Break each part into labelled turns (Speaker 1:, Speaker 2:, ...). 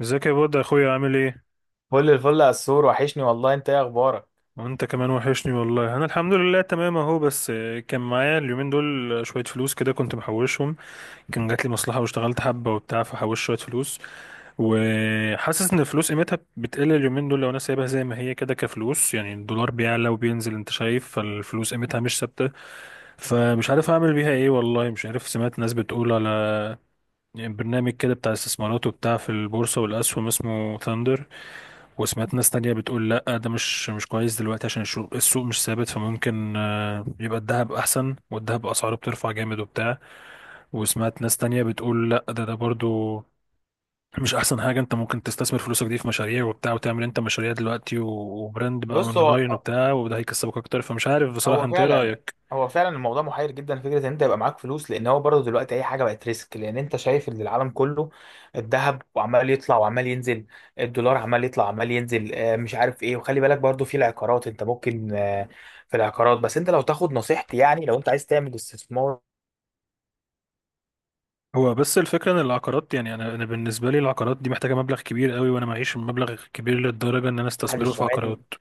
Speaker 1: ازيك يا بود يا اخويا، عامل ايه؟
Speaker 2: فل الفل يا السور، وحشني والله. انت ايه اخبارك؟
Speaker 1: وانت كمان وحشني والله. انا الحمد لله تمام اهو. بس كان معايا اليومين دول شويه فلوس كده كنت محوشهم. كان جات لي مصلحه واشتغلت حبه وبتاع فحوشت شويه فلوس. وحاسس ان الفلوس قيمتها بتقل اليومين دول لو انا سايبها زي ما هي كده كفلوس، يعني الدولار بيعلى وبينزل، انت شايف، فالفلوس قيمتها مش ثابته. فمش عارف اعمل بيها ايه والله. مش عارف، سمعت ناس بتقول على برنامج كده بتاع استثمارات وبتاع في البورصه والاسهم اسمه ثاندر. وسمعت ناس تانية بتقول لا، ده مش كويس دلوقتي عشان السوق مش ثابت، فممكن يبقى الذهب أحسن، والذهب أسعاره بترفع جامد وبتاع. وسمعت ناس تانية بتقول لا، ده برضو مش أحسن حاجة. أنت ممكن تستثمر فلوسك دي في مشاريع وبتاع، وتعمل أنت مشاريع دلوقتي وبراند بقى
Speaker 2: بص،
Speaker 1: أونلاين وبتاع، وده هيكسبك أكتر. فمش عارف بصراحة،
Speaker 2: هو
Speaker 1: أنت إيه
Speaker 2: فعلا
Speaker 1: رأيك؟
Speaker 2: هو فعلا الموضوع محير جدا. فكره ان انت يبقى معاك فلوس، لان هو برضه دلوقتي اي حاجه بقت ريسك، لان انت شايف ان العالم كله، الذهب وعمال يطلع وعمال ينزل، الدولار عمال يطلع وعمال ينزل، مش عارف ايه. وخلي بالك برضه في العقارات، انت ممكن في العقارات. بس انت لو تاخد نصيحتي، يعني لو انت عايز تعمل استثمار
Speaker 1: هو بس الفكرة إن العقارات، يعني أنا بالنسبة لي العقارات دي محتاجة مبلغ كبير قوي، وأنا معيش مبلغ كبير للدرجة إن أنا أستثمره في
Speaker 2: للشمالي.
Speaker 1: عقارات.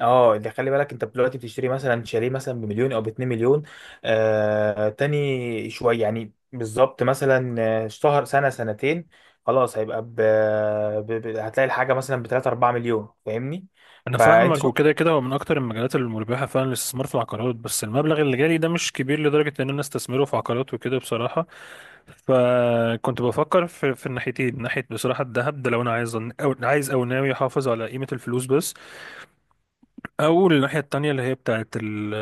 Speaker 2: اه اللي خلي بالك، انت دلوقتي بتشتري مثلا شاليه مثلا بمليون او باتنين مليون، تاني شويه، يعني بالظبط مثلا شهر، سنه، سنتين. خلاص، هيبقى هتلاقي الحاجه مثلا ب 3 4 مليون، فاهمني؟
Speaker 1: انا
Speaker 2: فانت
Speaker 1: فاهمك،
Speaker 2: شوف.
Speaker 1: وكده كده هو من اكتر المجالات المربحه فعلا الاستثمار في العقارات، بس المبلغ اللي جالي ده مش كبير لدرجه ان انا استثمره في عقارات وكده بصراحه. فكنت بفكر في الناحيتين، ناحيه بصراحه الذهب ده لو انا عايز او عايز او ناوي احافظ على قيمه الفلوس بس، او الناحيه التانيه اللي هي بتاعه ال...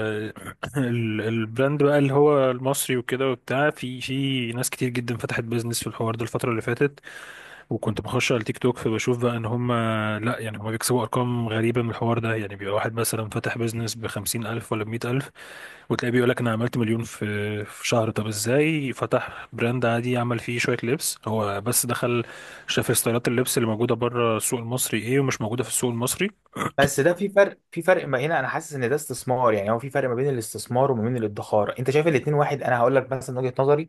Speaker 1: ال... البراند بقى اللي هو المصري وكده وبتاع. في ناس كتير جدا فتحت بيزنس في الحوار ده الفتره اللي فاتت، وكنت بخش على التيك توك فبشوف بقى ان هم، لا يعني هم بيكسبوا ارقام غريبه من الحوار ده. يعني بيبقى واحد مثلا فاتح بيزنس ب50 الف ولا ب100 الف، وتلاقيه بيقول لك انا عملت مليون في شهر. طب ازاي؟ فتح براند عادي عمل فيه شويه لبس. هو بس دخل شاف ستايلات اللبس اللي موجوده بره السوق المصري ايه ومش موجوده في السوق المصري.
Speaker 2: بس ده في فرق ما هنا، انا حاسس ان ده استثمار. يعني هو في فرق ما بين الاستثمار وما بين الادخار. انت شايف الاتنين واحد؟ انا هقول لك مثلا وجهه نظري.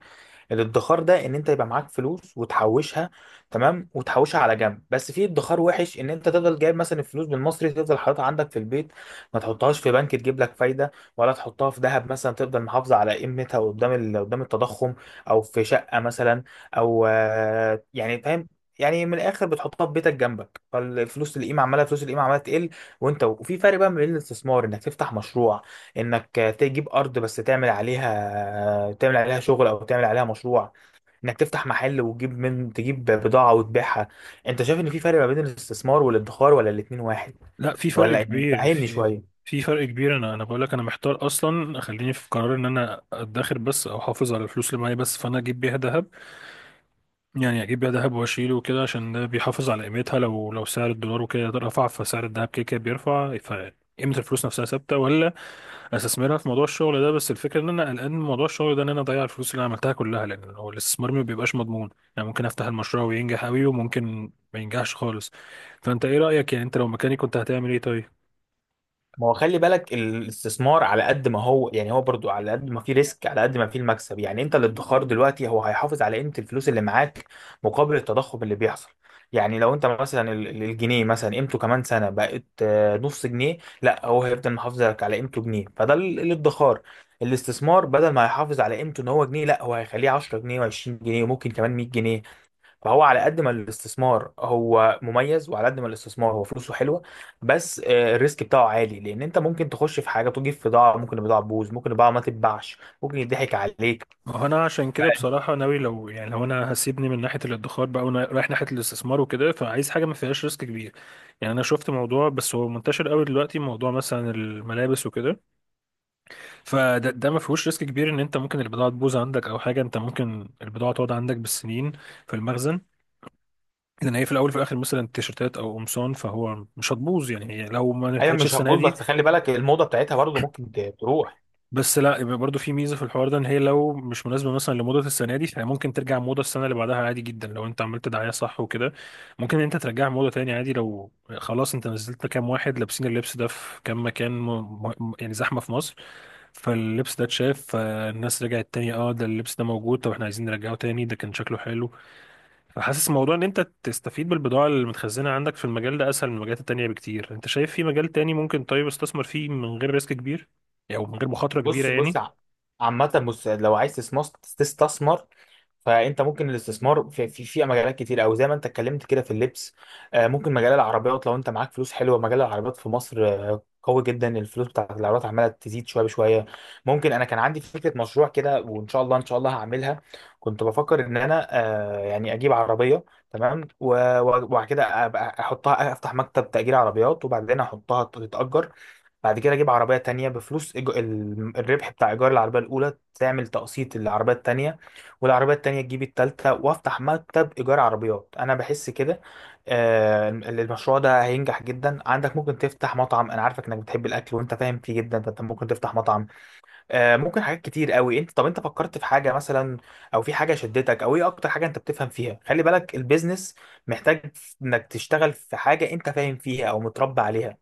Speaker 2: الادخار ده ان انت يبقى معاك فلوس وتحوشها، تمام، وتحوشها على جنب. بس في ادخار وحش، ان انت تفضل جايب مثلا الفلوس بالمصري تفضل حاططها عندك في البيت، ما تحطهاش في بنك تجيب لك فايده، ولا تحطها في ذهب مثلا تفضل محافظه على قيمتها قدام قدام التضخم، او في شقه مثلا، او يعني فاهم؟ يعني من الاخر بتحطها في بيتك جنبك، فالفلوس القيمه عماله فلوس القيمه عماله تقل. وانت وفي فرق بقى ما بين الاستثمار، انك تفتح مشروع، انك تجيب ارض بس تعمل عليها شغل او تعمل عليها مشروع، انك تفتح محل وتجيب من تجيب بضاعة وتبيعها. انت شايف ان في فرق ما بين الاستثمار والادخار، ولا الاتنين واحد؟
Speaker 1: لا، في فرق
Speaker 2: ولا يعني،
Speaker 1: كبير.
Speaker 2: فهمني
Speaker 1: في
Speaker 2: شوية.
Speaker 1: في فرق كبير. انا بقول لك انا محتار اصلا. خليني في قرار ان انا ادخر بس او احافظ على الفلوس اللي معايا بس، فانا اجيب بيها ذهب. يعني اجيب بيها ذهب واشيله وكده عشان ده بيحافظ على قيمتها. لو سعر الدولار وكده رفع فسعر الذهب كده كده بيرفع، فقيمة الفلوس نفسها ثابتة. ولا استثمرها في موضوع الشغل ده، بس الفكرة ان انا قلقان من موضوع الشغل ده ان انا اضيع الفلوس اللي انا عملتها كلها، لان هو الاستثمار ما بيبقاش مضمون. يعني ممكن افتح المشروع وينجح قوي، وممكن ما ينجحش خالص. فانت ايه رأيك؟ يعني انت لو مكاني كنت هتعمل ايه طيب؟
Speaker 2: ما هو خلي بالك الاستثمار على قد ما هو، يعني هو برضو على قد ما فيه ريسك على قد ما فيه المكسب. يعني انت الادخار دلوقتي هو هيحافظ على قيمة الفلوس اللي معاك مقابل التضخم اللي بيحصل. يعني لو انت مثلا الجنيه مثلا قيمته كمان سنة بقت نص جنيه، لا، هو هيفضل محافظ لك على قيمته جنيه، فده الادخار. الاستثمار بدل ما هيحافظ على قيمته ان هو جنيه، لا، هو هيخليه 10 جنيه و20 جنيه وممكن كمان 100 جنيه. فهو على قد ما الاستثمار هو مميز، وعلى قد ما الاستثمار هو فلوسه حلوه. بس الريسك بتاعه عالي، لان انت ممكن تخش في حاجه تجيب في ضاع. ممكن البضاعه تبوظ، ممكن البضاعه ما تتباعش، ممكن يضحك عليك.
Speaker 1: ما هو انا عشان
Speaker 2: ف-
Speaker 1: كده بصراحه ناوي، لو يعني لو انا هسيبني من ناحيه الادخار بقى وانا رايح ناحيه الاستثمار وكده، فعايز حاجه ما فيهاش ريسك كبير. يعني انا شفت موضوع، بس هو منتشر قوي دلوقتي، موضوع مثلا الملابس وكده. فده ما فيهوش ريسك كبير ان انت ممكن البضاعه تبوظ عندك او حاجه. انت ممكن البضاعه تقعد عندك بالسنين في المخزن، لان هي في الاول وفي الاخر مثلا تيشرتات او قمصان، فهو مش هتبوظ يعني. هي لو ما
Speaker 2: ايوه،
Speaker 1: نفعتش
Speaker 2: مش
Speaker 1: السنه
Speaker 2: هتبوظ.
Speaker 1: دي
Speaker 2: بس خلي بالك الموضه بتاعتها برضه ممكن تروح.
Speaker 1: بس، لا، يبقى برضو في ميزه في الحوار ده ان هي لو مش مناسبه مثلا لموضه السنه دي، فهي ممكن ترجع موضه السنه اللي بعدها عادي جدا. لو انت عملت دعايه صح وكده ممكن انت ترجعها موضه تاني عادي. لو خلاص انت نزلت كام واحد لابسين اللبس ده في كام مكان يعني زحمه في مصر، فاللبس ده اتشاف، فالناس رجعت تاني اه ده اللبس ده موجود، طب احنا عايزين نرجعه تاني، ده كان شكله حلو. فحاسس موضوع ان انت تستفيد بالبضاعه اللي متخزنه عندك في المجال ده اسهل من المجالات التانيه بكتير. انت شايف في مجال تاني ممكن طيب استثمر فيه من غير ريسك كبير، او يعني من غير مخاطره كبيره
Speaker 2: بص، بص،
Speaker 1: يعني؟
Speaker 2: عامة، بص، لو عايز تستثمر، فانت ممكن الاستثمار في مجالات كتير، او زي ما انت اتكلمت كده في اللبس. ممكن مجال العربيات، لو انت معاك فلوس حلوه مجال العربيات في مصر قوي جدا. الفلوس بتاعت العربيات عماله تزيد شويه بشويه. ممكن، انا كان عندي فكره مشروع كده، وان شاء الله ان شاء الله هعملها. كنت بفكر ان انا يعني اجيب عربيه، تمام، وبعد كده ابقى احطها افتح مكتب تأجير عربيات وبعدين احطها تتأجر. بعد كده اجيب عربيه تانية بفلوس الربح بتاع ايجار العربيه الاولى تعمل تقسيط للعربيه التانية، والعربيه التانية تجيب التالتة، وافتح مكتب ايجار عربيات. انا بحس كده المشروع ده هينجح جدا. عندك ممكن تفتح مطعم، انا عارفك انك بتحب الاكل وانت فاهم فيه جدا، فانت ممكن تفتح مطعم. ممكن حاجات كتير قوي. انت، طب انت فكرت في حاجه مثلا، او في حاجه شدتك، او ايه اكتر حاجه انت بتفهم فيها؟ خلي بالك البيزنس محتاج انك تشتغل في حاجه انت فاهم فيها او متربى عليها.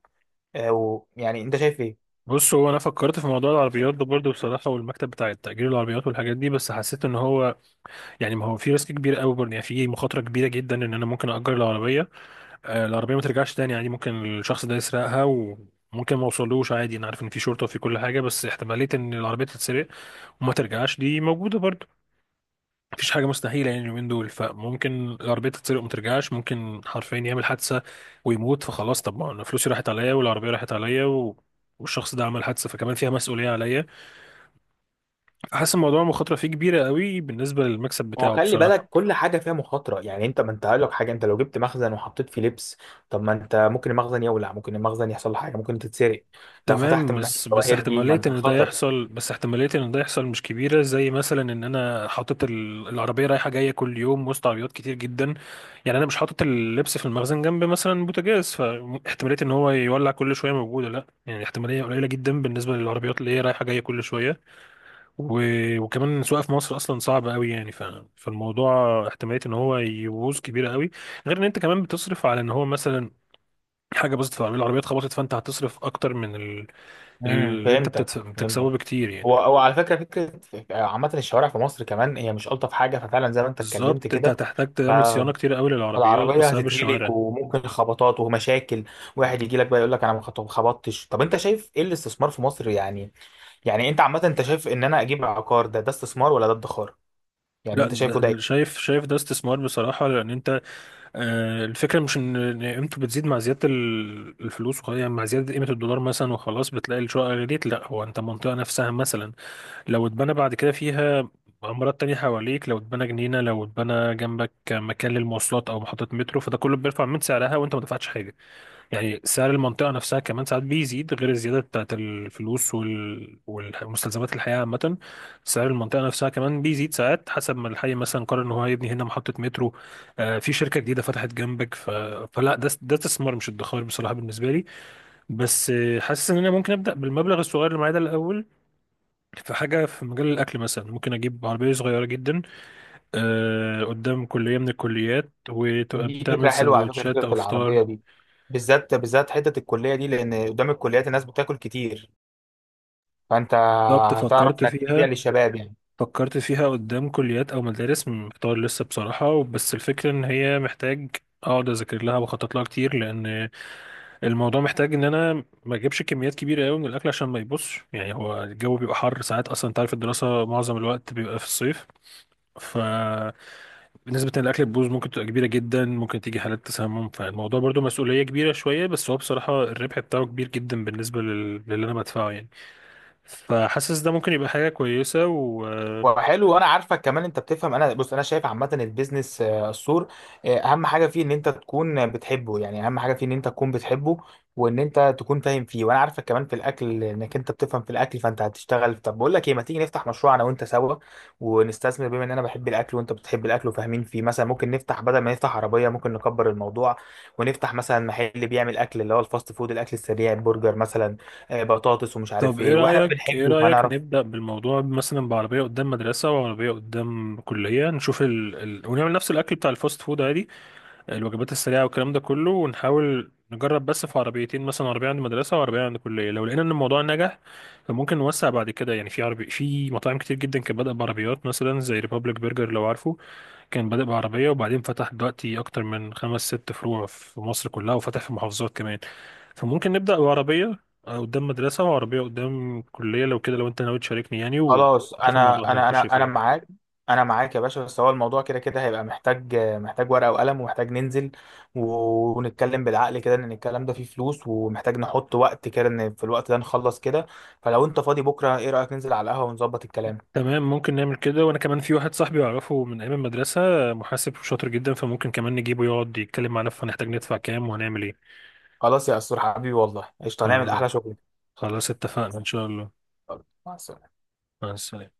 Speaker 2: يعني انت شايف ايه؟
Speaker 1: بص، هو انا فكرت في موضوع العربيات ده برضه بصراحه، والمكتب بتاع التأجير العربيات والحاجات دي، بس حسيت ان هو يعني ما هو في ريسك كبير قوي برضه. يعني في مخاطره كبيره جدا ان انا ممكن اجر العربيه العربيه ما ترجعش تاني عادي. ممكن الشخص ده يسرقها وممكن ما اوصلوش عادي. انا عارف ان في شرطه وفي كل حاجه، بس احتماليه ان العربيه تتسرق وما ترجعش دي موجوده برضه. مفيش حاجه مستحيله يعني اليومين دول، فممكن العربيه تتسرق وما ترجعش. ممكن حرفيا يعمل حادثه ويموت فخلاص. طب ما انا فلوسي راحت عليا والعربيه راحت عليا والشخص ده عمل حادثة فكمان فيها مسؤولية عليا. حاسس الموضوع مخاطرة فيه كبيرة قوي بالنسبة للمكسب
Speaker 2: هو
Speaker 1: بتاعه
Speaker 2: خلي
Speaker 1: بصراحة.
Speaker 2: بالك كل حاجة فيها مخاطرة. يعني انت ما انت هقول لك حاجة، انت لو جبت مخزن وحطيت فيه لبس، طب ما انت ممكن المخزن يولع، ممكن المخزن يحصل له حاجة، ممكن تتسرق. لو فتحت
Speaker 1: تمام،
Speaker 2: محل
Speaker 1: بس بس
Speaker 2: جواهرجي، ما
Speaker 1: احتمالية
Speaker 2: انت
Speaker 1: ان ده
Speaker 2: خطر.
Speaker 1: يحصل، بس احتمالية ان ده يحصل مش كبيرة زي مثلا ان انا حاطط العربية رايحة جاية كل يوم وسط عربيات كتير جدا. يعني انا مش حاطط اللبس في المخزن جنب مثلا بوتاجاز فاحتمالية ان هو يولع كل شوية موجودة، لا يعني احتمالية قليلة جدا بالنسبة للعربيات اللي هي رايحة جاية كل شوية و... وكمان السواقة في مصر اصلا صعبة قوي يعني فالموضوع احتمالية ان هو يبوظ كبيرة قوي. غير ان انت كمان بتصرف على ان هو مثلا حاجه بوزيتيف، عميل العربيه اتخبطت، فانت هتصرف اكتر من اللي انت
Speaker 2: فهمتك،
Speaker 1: بتتس- بتكسبه
Speaker 2: فهمتك.
Speaker 1: بكتير يعني.
Speaker 2: هو على فكرة، فكرة عامة الشوارع في مصر كمان هي مش ألطف حاجة، ففعلا زي ما انت اتكلمت
Speaker 1: بالظبط. انت
Speaker 2: كده،
Speaker 1: هتحتاج تعمل صيانه كتير قوي للعربيات
Speaker 2: فالعربية
Speaker 1: بسبب
Speaker 2: هتتهلك
Speaker 1: الشوارع.
Speaker 2: وممكن خبطات ومشاكل. واحد يجي لك بقى يقول لك انا ما خبطتش. طب انت شايف ايه الاستثمار في مصر، يعني، يعني انت عامة انت شايف ان انا اجيب عقار، ده استثمار ولا ده ادخار؟ يعني
Speaker 1: لا،
Speaker 2: انت
Speaker 1: ده
Speaker 2: شايفه ده
Speaker 1: ده
Speaker 2: ايه؟
Speaker 1: شايف، شايف ده استثمار بصراحه. لان انت آه الفكره مش ان إن قيمته بتزيد مع زياده الفلوس وخلاص يعني، مع زياده قيمه الدولار مثلا وخلاص بتلاقي الشقه غليت. لا، هو انت المنطقه نفسها مثلا لو اتبنى بعد كده فيها عمارات تانية حواليك، لو اتبنى جنينة، لو اتبنى جنبك مكان للمواصلات أو محطة مترو، فده كله بيرفع من سعرها وأنت ما دفعتش حاجة. يعني سعر المنطقة نفسها كمان ساعات بيزيد غير الزيادة بتاعت الفلوس والمستلزمات الحياة عامة. سعر المنطقة نفسها كمان بيزيد ساعات حسب ما الحي مثلا قرر إن هو هيبني هنا محطة مترو. آه في شركة جديدة فتحت جنبك فلا، ده استثمار مش ادخار بصراحة بالنسبة لي. بس حاسس إن أنا ممكن أبدأ بالمبلغ الصغير اللي معايا ده الأول في حاجة في مجال الأكل مثلا. ممكن أجيب عربية صغيرة جدا آه قدام كلية من الكليات، وتبقى
Speaker 2: دي فكره
Speaker 1: بتعمل
Speaker 2: حلوه، على فكره
Speaker 1: سندوتشات أو
Speaker 2: فكره العربيه
Speaker 1: فطار.
Speaker 2: دي بالذات، بالذات حته الكليه دي، لان قدام الكليات الناس بتاكل كتير، فانت
Speaker 1: بالظبط،
Speaker 2: هتعرف
Speaker 1: فكرت
Speaker 2: انك تبيع
Speaker 1: فيها.
Speaker 2: للشباب، يعني.
Speaker 1: فكرت فيها قدام كليات او مدارس، محتار لسه بصراحه. بس الفكره ان هي محتاج اقعد اذاكر لها واخطط لها كتير، لان الموضوع محتاج ان انا ما اجيبش كميات كبيره قوي من الاكل عشان ما يبصش. يعني هو الجو بيبقى حر ساعات اصلا. انت عارف الدراسه معظم الوقت بيبقى في الصيف، ف نسبة إن الأكل تبوظ ممكن تبقى كبيرة جدا. ممكن تيجي حالات تسمم، فالموضوع برضو مسؤولية كبيرة شوية. بس هو بصراحة الربح بتاعه كبير جدا بالنسبة للي أنا بدفعه يعني. فحاسس ده ممكن يبقى حاجة كويسة.
Speaker 2: وحلو، وانا عارفك كمان انت بتفهم. انا شايف عامه البيزنس، السور، اهم حاجه فيه ان انت تكون بتحبه، يعني اهم حاجه فيه ان انت تكون بتحبه، وان انت تكون فاهم فيه، وانا عارفك كمان في الاكل، انك انت بتفهم في الاكل، فانت هتشتغل. طب بقول لك ايه، ما تيجي نفتح مشروع انا وانت سوا ونستثمر، بما ان انا بحب الاكل وانت بتحب الاكل وفاهمين فيه، مثلا ممكن نفتح، بدل ما نفتح عربيه ممكن نكبر الموضوع، ونفتح مثلا محل بيعمل اكل اللي هو الفاست فود، الاكل السريع، برجر مثلا، بطاطس، ومش
Speaker 1: طب
Speaker 2: عارف
Speaker 1: ايه
Speaker 2: ايه، واحنا
Speaker 1: رأيك، ايه
Speaker 2: بنحبه
Speaker 1: رأيك
Speaker 2: فهنعرف.
Speaker 1: نبدأ بالموضوع مثلا بعربية قدام مدرسة وعربية قدام كلية، نشوف ونعمل نفس الأكل بتاع الفاست فود عادي، الوجبات السريعة والكلام ده كله، ونحاول نجرب بس في عربيتين مثلا، عربية عند مدرسة وعربية عند كلية. لو لقينا ان الموضوع نجح فممكن نوسع بعد كده. يعني في عربي، في مطاعم كتير جدا كانت بادئة بعربيات مثلا زي ريبابليك برجر لو عارفه، كان بادئ بعربية وبعدين فتح دلوقتي أكتر من خمس ست فروع في مصر كلها، وفتح في محافظات كمان. فممكن نبدأ بعربية قدام مدرسة وعربية قدام كلية لو كده، لو أنت ناوي تشاركني يعني،
Speaker 2: خلاص،
Speaker 1: ونشوف الموضوع
Speaker 2: انا
Speaker 1: هنا
Speaker 2: انا
Speaker 1: هيخش
Speaker 2: انا انا
Speaker 1: فين.
Speaker 2: معاك. انا معاك يا باشا. بس هو الموضوع كده كده هيبقى محتاج ورقه وقلم، ومحتاج ننزل ونتكلم بالعقل كده، ان الكلام ده فيه فلوس ومحتاج نحط وقت كده ان في الوقت ده نخلص كده. فلو انت فاضي بكره، ايه رايك ننزل على القهوه ونظبط الكلام؟
Speaker 1: تمام، ممكن نعمل كده. وأنا كمان في واحد صاحبي أعرفه من أيام المدرسة، محاسب شاطر جدا، فممكن كمان نجيبه يقعد يتكلم معانا فهنحتاج ندفع كام وهنعمل إيه.
Speaker 2: خلاص يا اسطور حبيبي، والله قشطه، هنعمل
Speaker 1: خل-
Speaker 2: احلى شغل.
Speaker 1: خلاص، اتفقنا إن شاء الله.
Speaker 2: يلا، مع السلامه.
Speaker 1: مع السلامة.